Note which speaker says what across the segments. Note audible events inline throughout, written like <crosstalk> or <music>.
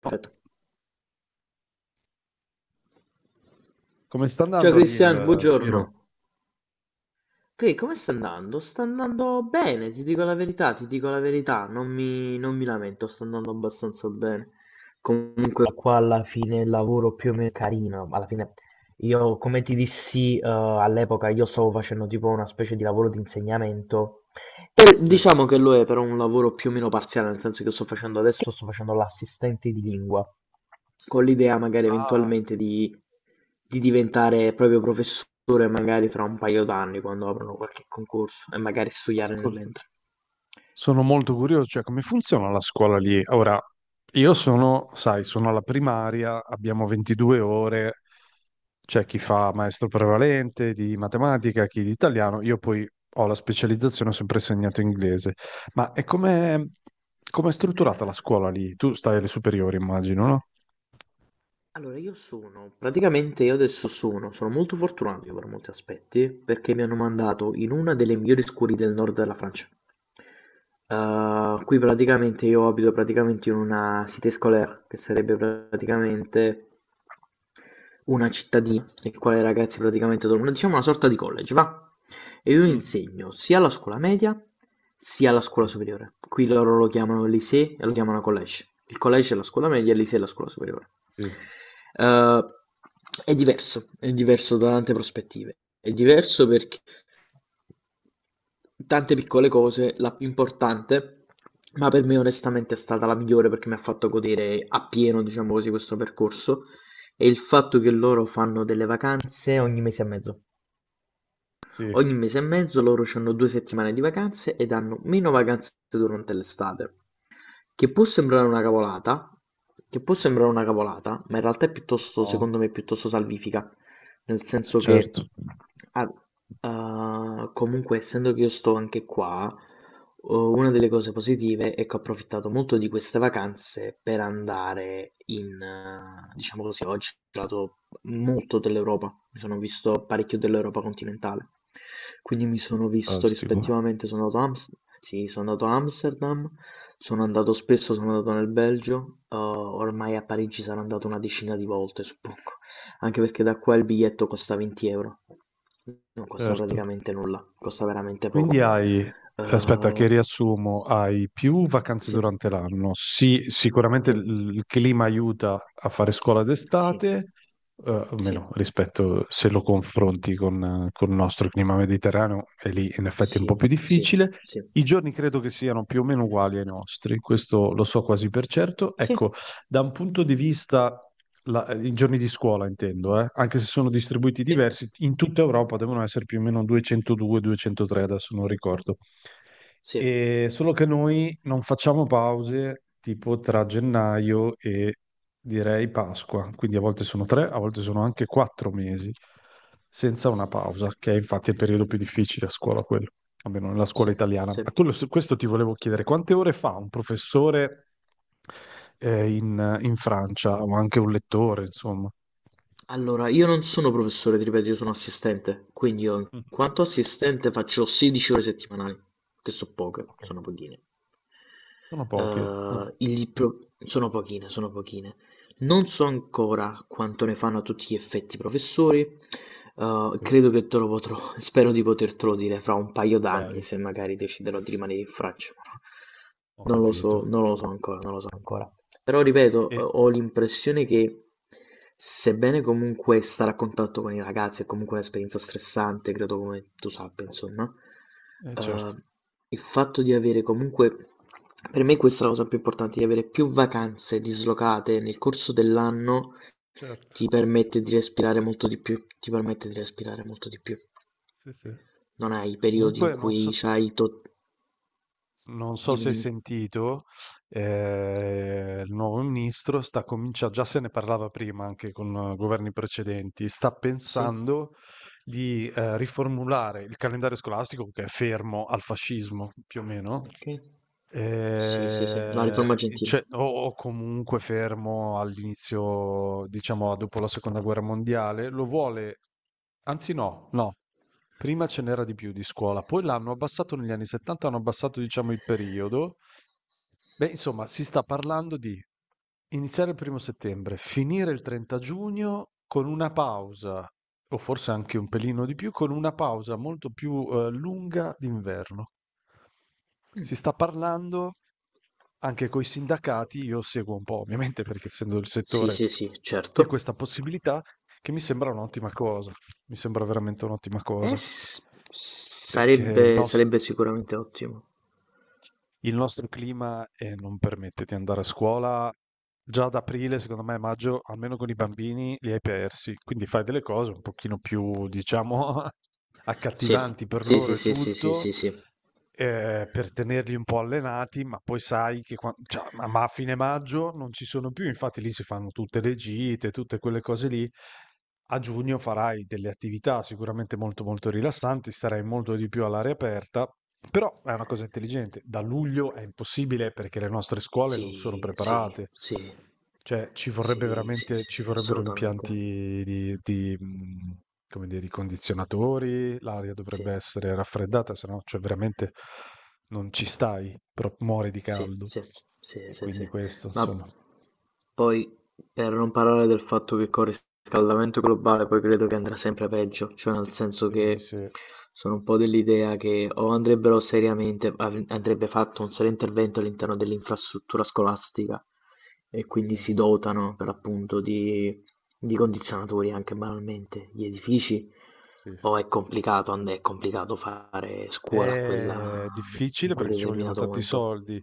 Speaker 1: Perfetto.
Speaker 2: Come sta
Speaker 1: Ciao
Speaker 2: andando lì il
Speaker 1: Cristian,
Speaker 2: Ciro?
Speaker 1: buongiorno. Come sta andando? Sta andando bene, ti dico la verità, non mi lamento, sta andando abbastanza bene. Comunque qua alla fine il lavoro più o meno è carino, alla fine io come ti dissi all'epoca io stavo facendo tipo una specie di lavoro di insegnamento. E
Speaker 2: Sì.
Speaker 1: diciamo che lo è però un lavoro più o meno parziale, nel senso che sto facendo l'assistente di lingua, con l'idea magari
Speaker 2: Ah,
Speaker 1: eventualmente di diventare proprio professore magari fra un paio d'anni quando aprono qualche concorso e magari studiare nel
Speaker 2: ascolta.
Speaker 1: mentre.
Speaker 2: Sono molto curioso, cioè come funziona la scuola lì? Ora, io sono, sai, sono alla primaria, abbiamo 22 ore, c'è chi fa maestro prevalente di matematica, chi di italiano, io poi ho la specializzazione, ho sempre insegnato inglese. Ma è come è strutturata la scuola lì? Tu stai alle superiori, immagino, no?
Speaker 1: Allora, praticamente io adesso sono molto fortunato io per molti aspetti, perché mi hanno mandato in una delle migliori scuole del nord della Francia. Qui praticamente io abito praticamente in una cité scolaire, che sarebbe praticamente una cittadina nel quale i ragazzi praticamente dormono, diciamo una sorta di college, va? E io
Speaker 2: Mm.
Speaker 1: insegno sia alla scuola media sia alla scuola
Speaker 2: Sì,
Speaker 1: superiore. Qui loro lo chiamano lycée e lo chiamano college. Il college è la scuola media, il lycée è la scuola superiore.
Speaker 2: sì,
Speaker 1: Eh, è diverso, è diverso da tante prospettive. È diverso perché tante piccole cose, la più importante, ma per me onestamente è stata la migliore perché mi ha fatto godere appieno, diciamo così, questo percorso è il fatto che loro fanno delle vacanze ogni mese e mezzo.
Speaker 2: sì.
Speaker 1: Ogni mese e mezzo loro hanno 2 settimane di vacanze ed hanno meno vacanze durante l'estate. Che può sembrare una cavolata, che può sembrare una cavolata, ma in realtà è piuttosto,
Speaker 2: No,
Speaker 1: secondo me, piuttosto salvifica. Nel senso
Speaker 2: certo,
Speaker 1: che, ah, comunque, essendo che io sto anche qua, oh, una delle cose positive è che ho approfittato molto di queste vacanze per andare diciamo così, oggi ho girato molto dell'Europa, mi sono visto parecchio dell'Europa continentale. Quindi mi sono visto
Speaker 2: fantastico.
Speaker 1: rispettivamente, sono andato a Ams- sì, sono andato a Amsterdam, sono andato spesso, sono andato nel Belgio, ormai a Parigi sarò andato una decina di volte, suppongo, anche perché da qua il biglietto costa 20 euro, non costa
Speaker 2: Certo.
Speaker 1: praticamente nulla, costa veramente
Speaker 2: Quindi
Speaker 1: poco.
Speaker 2: hai, aspetta che
Speaker 1: Eh,
Speaker 2: riassumo, hai più vacanze
Speaker 1: sì,
Speaker 2: durante l'anno. Sì, sicuramente
Speaker 1: sì,
Speaker 2: il clima aiuta a fare scuola
Speaker 1: sì,
Speaker 2: d'estate,
Speaker 1: sì,
Speaker 2: almeno rispetto se lo confronti con il nostro clima mediterraneo, e lì in effetti è un
Speaker 1: sì,
Speaker 2: po' più
Speaker 1: sì,
Speaker 2: difficile.
Speaker 1: sì.
Speaker 2: I giorni credo che siano più o meno uguali ai nostri, questo lo so quasi per certo.
Speaker 1: Sì,
Speaker 2: Ecco, da un punto di vista, i giorni di scuola intendo, anche se sono distribuiti
Speaker 1: sì,
Speaker 2: diversi, in tutta Europa devono essere più o meno 202-203, adesso non ricordo.
Speaker 1: sì.
Speaker 2: E solo che noi non facciamo pause tipo tra gennaio e direi Pasqua, quindi a volte sono tre, a volte sono anche 4 mesi senza una pausa, che è infatti il periodo più difficile a scuola, quello almeno nella scuola
Speaker 1: Sì,
Speaker 2: italiana.
Speaker 1: sì.
Speaker 2: Su questo ti volevo chiedere, quante ore fa un professore in Francia o anche un lettore, insomma?
Speaker 1: Allora, io non sono professore, ti ripeto, io sono assistente, quindi io in
Speaker 2: Mm,
Speaker 1: quanto assistente faccio 16 ore settimanali, che sono poche,
Speaker 2: ok.
Speaker 1: sono pochine.
Speaker 2: Sono poche. Ah,
Speaker 1: Sono pochine, sono pochine. Non so ancora quanto ne fanno a tutti gli effetti i professori.
Speaker 2: ok.
Speaker 1: Credo che te lo potrò, <laughs> Spero di potertelo dire fra un paio d'anni,
Speaker 2: Dai,
Speaker 1: se magari deciderò di rimanere in Francia. <laughs>
Speaker 2: ho
Speaker 1: Non lo so,
Speaker 2: capito.
Speaker 1: non lo so ancora, non lo so ancora. Però ripeto, ho
Speaker 2: E,
Speaker 1: ho l'impressione che, sebbene comunque stare a contatto con i ragazzi è comunque un'esperienza stressante, credo come tu sappia, insomma,
Speaker 2: certo.
Speaker 1: eh, il fatto di avere comunque, per me questa è la cosa più importante, di avere più vacanze dislocate nel corso dell'anno
Speaker 2: Certo,
Speaker 1: ti permette di respirare molto di più, ti permette di respirare molto di più.
Speaker 2: sì, sì.
Speaker 1: Non hai i periodi
Speaker 2: Comunque
Speaker 1: in
Speaker 2: non so,
Speaker 1: cui c'hai tot.
Speaker 2: Non so se
Speaker 1: Dimmi,
Speaker 2: hai
Speaker 1: dimmi.
Speaker 2: sentito, il nuovo ministro sta cominciando, già se ne parlava prima anche con governi precedenti, sta
Speaker 1: Sì?
Speaker 2: pensando di riformulare il calendario scolastico che è fermo al fascismo più o meno.
Speaker 1: Ok. Sì, sì, sì, la riforma
Speaker 2: I
Speaker 1: Gentile.
Speaker 2: Cioè, o comunque fermo all'inizio, diciamo dopo la seconda guerra mondiale, lo vuole, anzi no, no, prima ce n'era di più di scuola, poi l'hanno abbassato negli anni '70, hanno abbassato diciamo il periodo. Beh, insomma, si sta parlando di iniziare il primo settembre, finire il 30 giugno con una pausa, o forse anche un pelino di più, con una pausa molto più, lunga d'inverno. Si
Speaker 1: Mm.
Speaker 2: sta parlando anche coi sindacati, io seguo un po' ovviamente perché essendo del
Speaker 1: Sì,
Speaker 2: settore,
Speaker 1: sì, sì,
Speaker 2: di questa
Speaker 1: certo.
Speaker 2: possibilità, che mi sembra un'ottima cosa, mi sembra veramente un'ottima
Speaker 1: Eh,
Speaker 2: cosa.
Speaker 1: s-
Speaker 2: Perché il
Speaker 1: sarebbe,
Speaker 2: nos
Speaker 1: sarebbe sicuramente ottimo.
Speaker 2: il nostro clima non permette di andare a scuola già ad aprile, secondo me, maggio, almeno con i bambini, li hai persi. Quindi fai delle cose un pochino più, diciamo, <laughs>
Speaker 1: Sì,
Speaker 2: accattivanti per
Speaker 1: sì,
Speaker 2: loro
Speaker 1: sì,
Speaker 2: e
Speaker 1: sì, sì,
Speaker 2: tutto,
Speaker 1: sì, sì,
Speaker 2: per tenerli un po' allenati, ma poi sai che cioè, ma a fine maggio non ci sono più, infatti lì si fanno tutte le gite, tutte quelle cose lì. A giugno farai delle attività sicuramente molto molto rilassanti, starai molto di più all'aria aperta, però è una cosa intelligente. Da luglio è impossibile perché le nostre scuole non sono
Speaker 1: sì, sì,
Speaker 2: preparate.
Speaker 1: sì, sì,
Speaker 2: Cioè, ci vorrebbe
Speaker 1: sì, sì,
Speaker 2: veramente,
Speaker 1: sì,
Speaker 2: ci
Speaker 1: sì,
Speaker 2: vorrebbero
Speaker 1: assolutamente.
Speaker 2: impianti di, come dire, di condizionatori. L'aria
Speaker 1: Sì.
Speaker 2: dovrebbe essere raffreddata, se no, cioè veramente non ci stai, però muori di
Speaker 1: Sì,
Speaker 2: caldo.
Speaker 1: sì, sì,
Speaker 2: E
Speaker 1: sì, sì.
Speaker 2: quindi questo,
Speaker 1: Ma
Speaker 2: insomma,
Speaker 1: poi, per non parlare del fatto che col riscaldamento globale poi credo che andrà sempre peggio, cioè nel senso
Speaker 2: vediamo di
Speaker 1: che sono un po' dell'idea che o andrebbero seriamente, av- andrebbe fatto un serio intervento all'interno dell'infrastruttura scolastica e quindi
Speaker 2: se-
Speaker 1: si dotano per l'appunto di condizionatori anche banalmente, gli edifici,
Speaker 2: sì, sì.
Speaker 1: o è complicato, è complicato fare scuola a quella,
Speaker 2: È
Speaker 1: in
Speaker 2: difficile
Speaker 1: quel
Speaker 2: perché ci vogliono
Speaker 1: determinato
Speaker 2: tanti
Speaker 1: momento.
Speaker 2: soldi.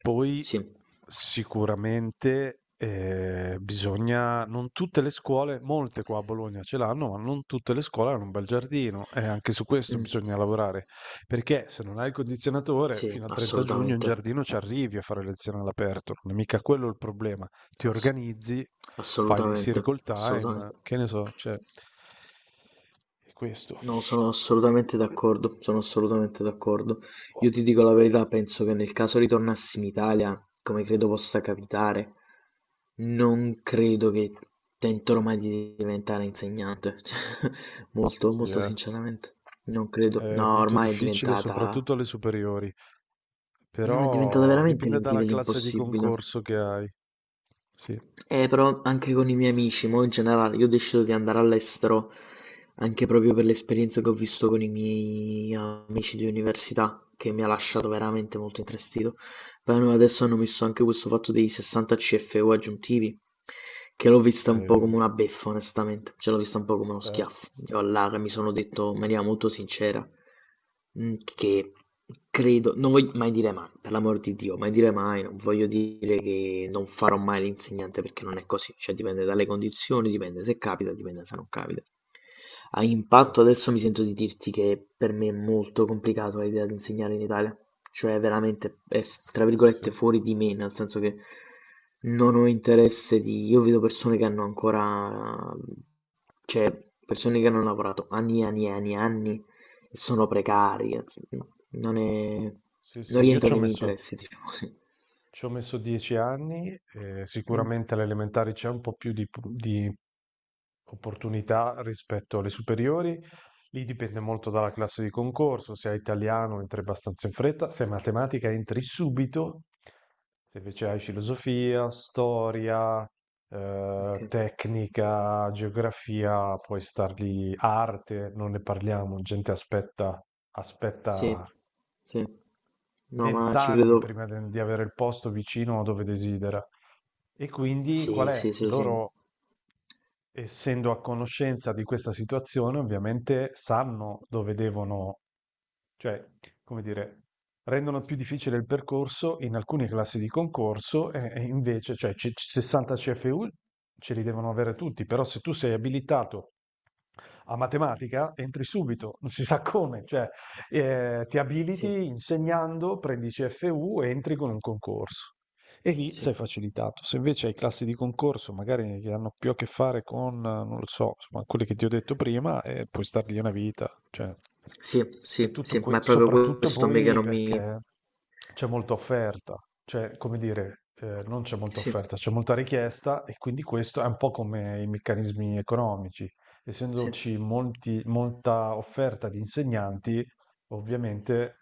Speaker 2: Poi
Speaker 1: Sì.
Speaker 2: sicuramente bisogna, non tutte le scuole, molte qua a Bologna ce l'hanno, ma non tutte le scuole hanno un bel giardino e anche su questo
Speaker 1: Mm.
Speaker 2: bisogna lavorare, perché se non hai il condizionatore,
Speaker 1: Sì,
Speaker 2: fino al 30 giugno in
Speaker 1: assolutamente.
Speaker 2: giardino ci arrivi a fare lezione all'aperto, non è mica quello il problema. Ti
Speaker 1: Ass-
Speaker 2: organizzi, fai dei
Speaker 1: Assolutamente,
Speaker 2: circle time,
Speaker 1: assolutamente.
Speaker 2: che ne so, cioè è questo.
Speaker 1: No, sono assolutamente d'accordo, sono assolutamente d'accordo. Io ti dico la verità, penso che nel caso ritornassi in Italia, come credo possa capitare, non credo che tenterò mai di diventare insegnante. <laughs> Molto,
Speaker 2: Sì,
Speaker 1: molto
Speaker 2: eh.
Speaker 1: sinceramente, non credo.
Speaker 2: È
Speaker 1: No,
Speaker 2: molto
Speaker 1: ormai è
Speaker 2: difficile,
Speaker 1: diventata.
Speaker 2: soprattutto alle superiori,
Speaker 1: No, è diventata
Speaker 2: però
Speaker 1: veramente
Speaker 2: dipende
Speaker 1: l'intì
Speaker 2: dalla classe di
Speaker 1: dell'impossibile.
Speaker 2: concorso che hai. Sì,
Speaker 1: Però anche con i miei amici, mo in generale, io ho deciso di andare all'estero anche proprio per l'esperienza che ho visto con i miei amici di università, che mi ha lasciato veramente molto intristito. Poi adesso hanno messo anche questo fatto dei 60 CFU aggiuntivi, che l'ho vista un po' come
Speaker 2: eh,
Speaker 1: una beffa, onestamente, cioè l'ho vista un po' come uno
Speaker 2: certo,
Speaker 1: schiaffo. Io all'Ara mi sono detto in
Speaker 2: certo,
Speaker 1: maniera molto sincera che credo, non voglio mai dire mai, per l'amor di Dio, mai dire mai, non voglio dire che non farò mai l'insegnante perché non è così, cioè dipende dalle condizioni, dipende se capita, dipende se non capita. A impatto
Speaker 2: certo.
Speaker 1: adesso mi sento di dirti che per me è molto complicato l'idea di insegnare in Italia. Cioè veramente è f tra
Speaker 2: Sì, sì.
Speaker 1: virgolette "fuori di me", nel senso che non ho interesse di, io vedo persone che hanno ancora, cioè persone che hanno lavorato anni e anni e anni e anni e sono precari, anzi, no,
Speaker 2: No? Sì, sì.
Speaker 1: non
Speaker 2: Io
Speaker 1: rientra
Speaker 2: ci ho
Speaker 1: nei miei
Speaker 2: messo,
Speaker 1: interessi, <laughs> diciamo così.
Speaker 2: ci ho messo 10 anni e
Speaker 1: Mh,
Speaker 2: sicuramente alle elementari c'è un po' più di, opportunità rispetto alle superiori. Lì dipende molto dalla classe di concorso, se hai italiano entri abbastanza in fretta, se hai matematica entri subito, se invece hai filosofia, storia,
Speaker 1: okay.
Speaker 2: tecnica, geografia, puoi star lì, arte, non ne parliamo, gente aspetta,
Speaker 1: Sì,
Speaker 2: aspetta
Speaker 1: sì. No, ma
Speaker 2: 20
Speaker 1: ci
Speaker 2: anni
Speaker 1: credo.
Speaker 2: prima di avere il posto vicino a dove desidera. E quindi qual
Speaker 1: Sì,
Speaker 2: è?
Speaker 1: sì, sì, sì.
Speaker 2: Loro, essendo a conoscenza di questa situazione, ovviamente sanno dove devono. Cioè, come dire, rendono più difficile il percorso in alcune classi di concorso e invece, cioè c 60 CFU ce li devono avere tutti, però se tu sei abilitato a matematica entri subito, non si sa come, cioè, ti
Speaker 1: Sì,
Speaker 2: abiliti insegnando, prendi i CFU e entri con un concorso. E lì sei
Speaker 1: sì.
Speaker 2: facilitato. Se invece hai classi di concorso, magari che hanno più a che fare con, non lo so, insomma quelle che ti ho detto prima, puoi star lì una vita, cioè.
Speaker 1: Sì,
Speaker 2: E
Speaker 1: sì,
Speaker 2: tutto
Speaker 1: sì, ma è proprio
Speaker 2: soprattutto
Speaker 1: questo me che
Speaker 2: poi
Speaker 1: non mi.
Speaker 2: perché c'è molta offerta, cioè, come dire, non c'è molta
Speaker 1: Sì,
Speaker 2: offerta, c'è molta richiesta e quindi questo è un po' come i meccanismi economici.
Speaker 1: sì,
Speaker 2: Essendoci molta offerta di insegnanti, ovviamente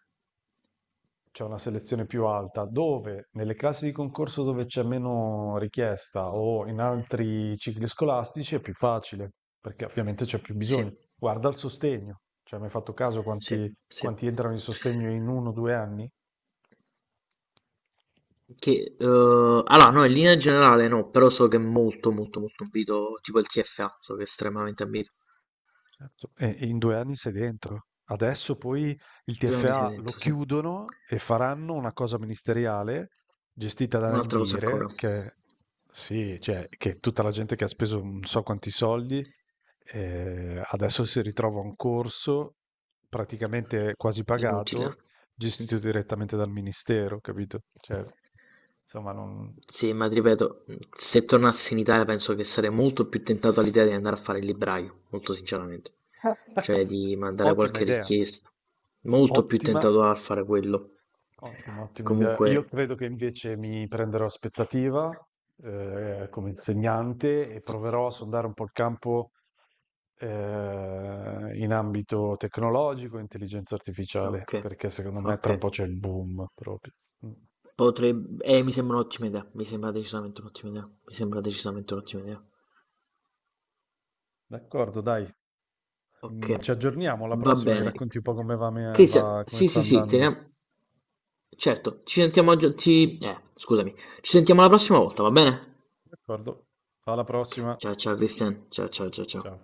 Speaker 2: c'è una selezione più alta, dove nelle classi di concorso dove c'è meno richiesta o in altri cicli scolastici è più facile, perché ovviamente c'è più
Speaker 1: sì,
Speaker 2: bisogno. Guarda il sostegno, cioè mi hai fatto caso
Speaker 1: sì,
Speaker 2: quanti,
Speaker 1: sì.
Speaker 2: quanti entrano in sostegno in 1 o 2 anni?
Speaker 1: Allora, no, in linea generale no, però so che è molto, molto, molto ambito, tipo il TFA, so che è estremamente ambito.
Speaker 2: Certo. E in 2 anni sei dentro. Adesso poi il
Speaker 1: 2 anni sei
Speaker 2: TFA lo
Speaker 1: dentro, sì.
Speaker 2: chiudono e faranno una cosa ministeriale gestita da
Speaker 1: Un'altra cosa
Speaker 2: Indire,
Speaker 1: ancora,
Speaker 2: che sì, cioè, che tutta la gente che ha speso non so quanti soldi. Adesso si ritrova un corso praticamente quasi
Speaker 1: inutile.
Speaker 2: pagato,
Speaker 1: Mm.
Speaker 2: gestito direttamente dal ministero, capito? Cioè, insomma, non
Speaker 1: Sì, ma ti ripeto, mhmm, se tornassi in Italia penso che sarei molto più tentato all'idea di andare a fare il libraio, molto sinceramente. Cioè di
Speaker 2: <laughs>
Speaker 1: mandare
Speaker 2: ottima
Speaker 1: qualche
Speaker 2: idea.
Speaker 1: richiesta. Molto più
Speaker 2: Ottima,
Speaker 1: tentato a fare quello.
Speaker 2: ottima, ottima idea. Io
Speaker 1: Comunque,
Speaker 2: credo che invece mi prenderò aspettativa, come insegnante, e proverò a sondare un po' il campo, in ambito tecnologico, e intelligenza artificiale,
Speaker 1: ok,
Speaker 2: perché secondo me
Speaker 1: ok.
Speaker 2: tra un po' c'è il boom proprio. Mh.
Speaker 1: Potrei. Mi sembra un'ottima idea, mi sembra decisamente un'ottima idea, mi sembra decisamente un'ottima idea.
Speaker 2: D'accordo, dai.
Speaker 1: Okay,
Speaker 2: Ci aggiorniamo alla
Speaker 1: va
Speaker 2: prossima e
Speaker 1: bene.
Speaker 2: racconti un po' come va,
Speaker 1: Cristian,
Speaker 2: come
Speaker 1: sì,
Speaker 2: sta
Speaker 1: sì, sì,
Speaker 2: andando.
Speaker 1: teniamo. Certo, ci sentiamo scusami. Ci sentiamo la prossima volta, va bene?
Speaker 2: D'accordo? Alla
Speaker 1: Ok,
Speaker 2: prossima.
Speaker 1: ciao ciao Cristian, ciao ciao ciao ciao.
Speaker 2: Ciao.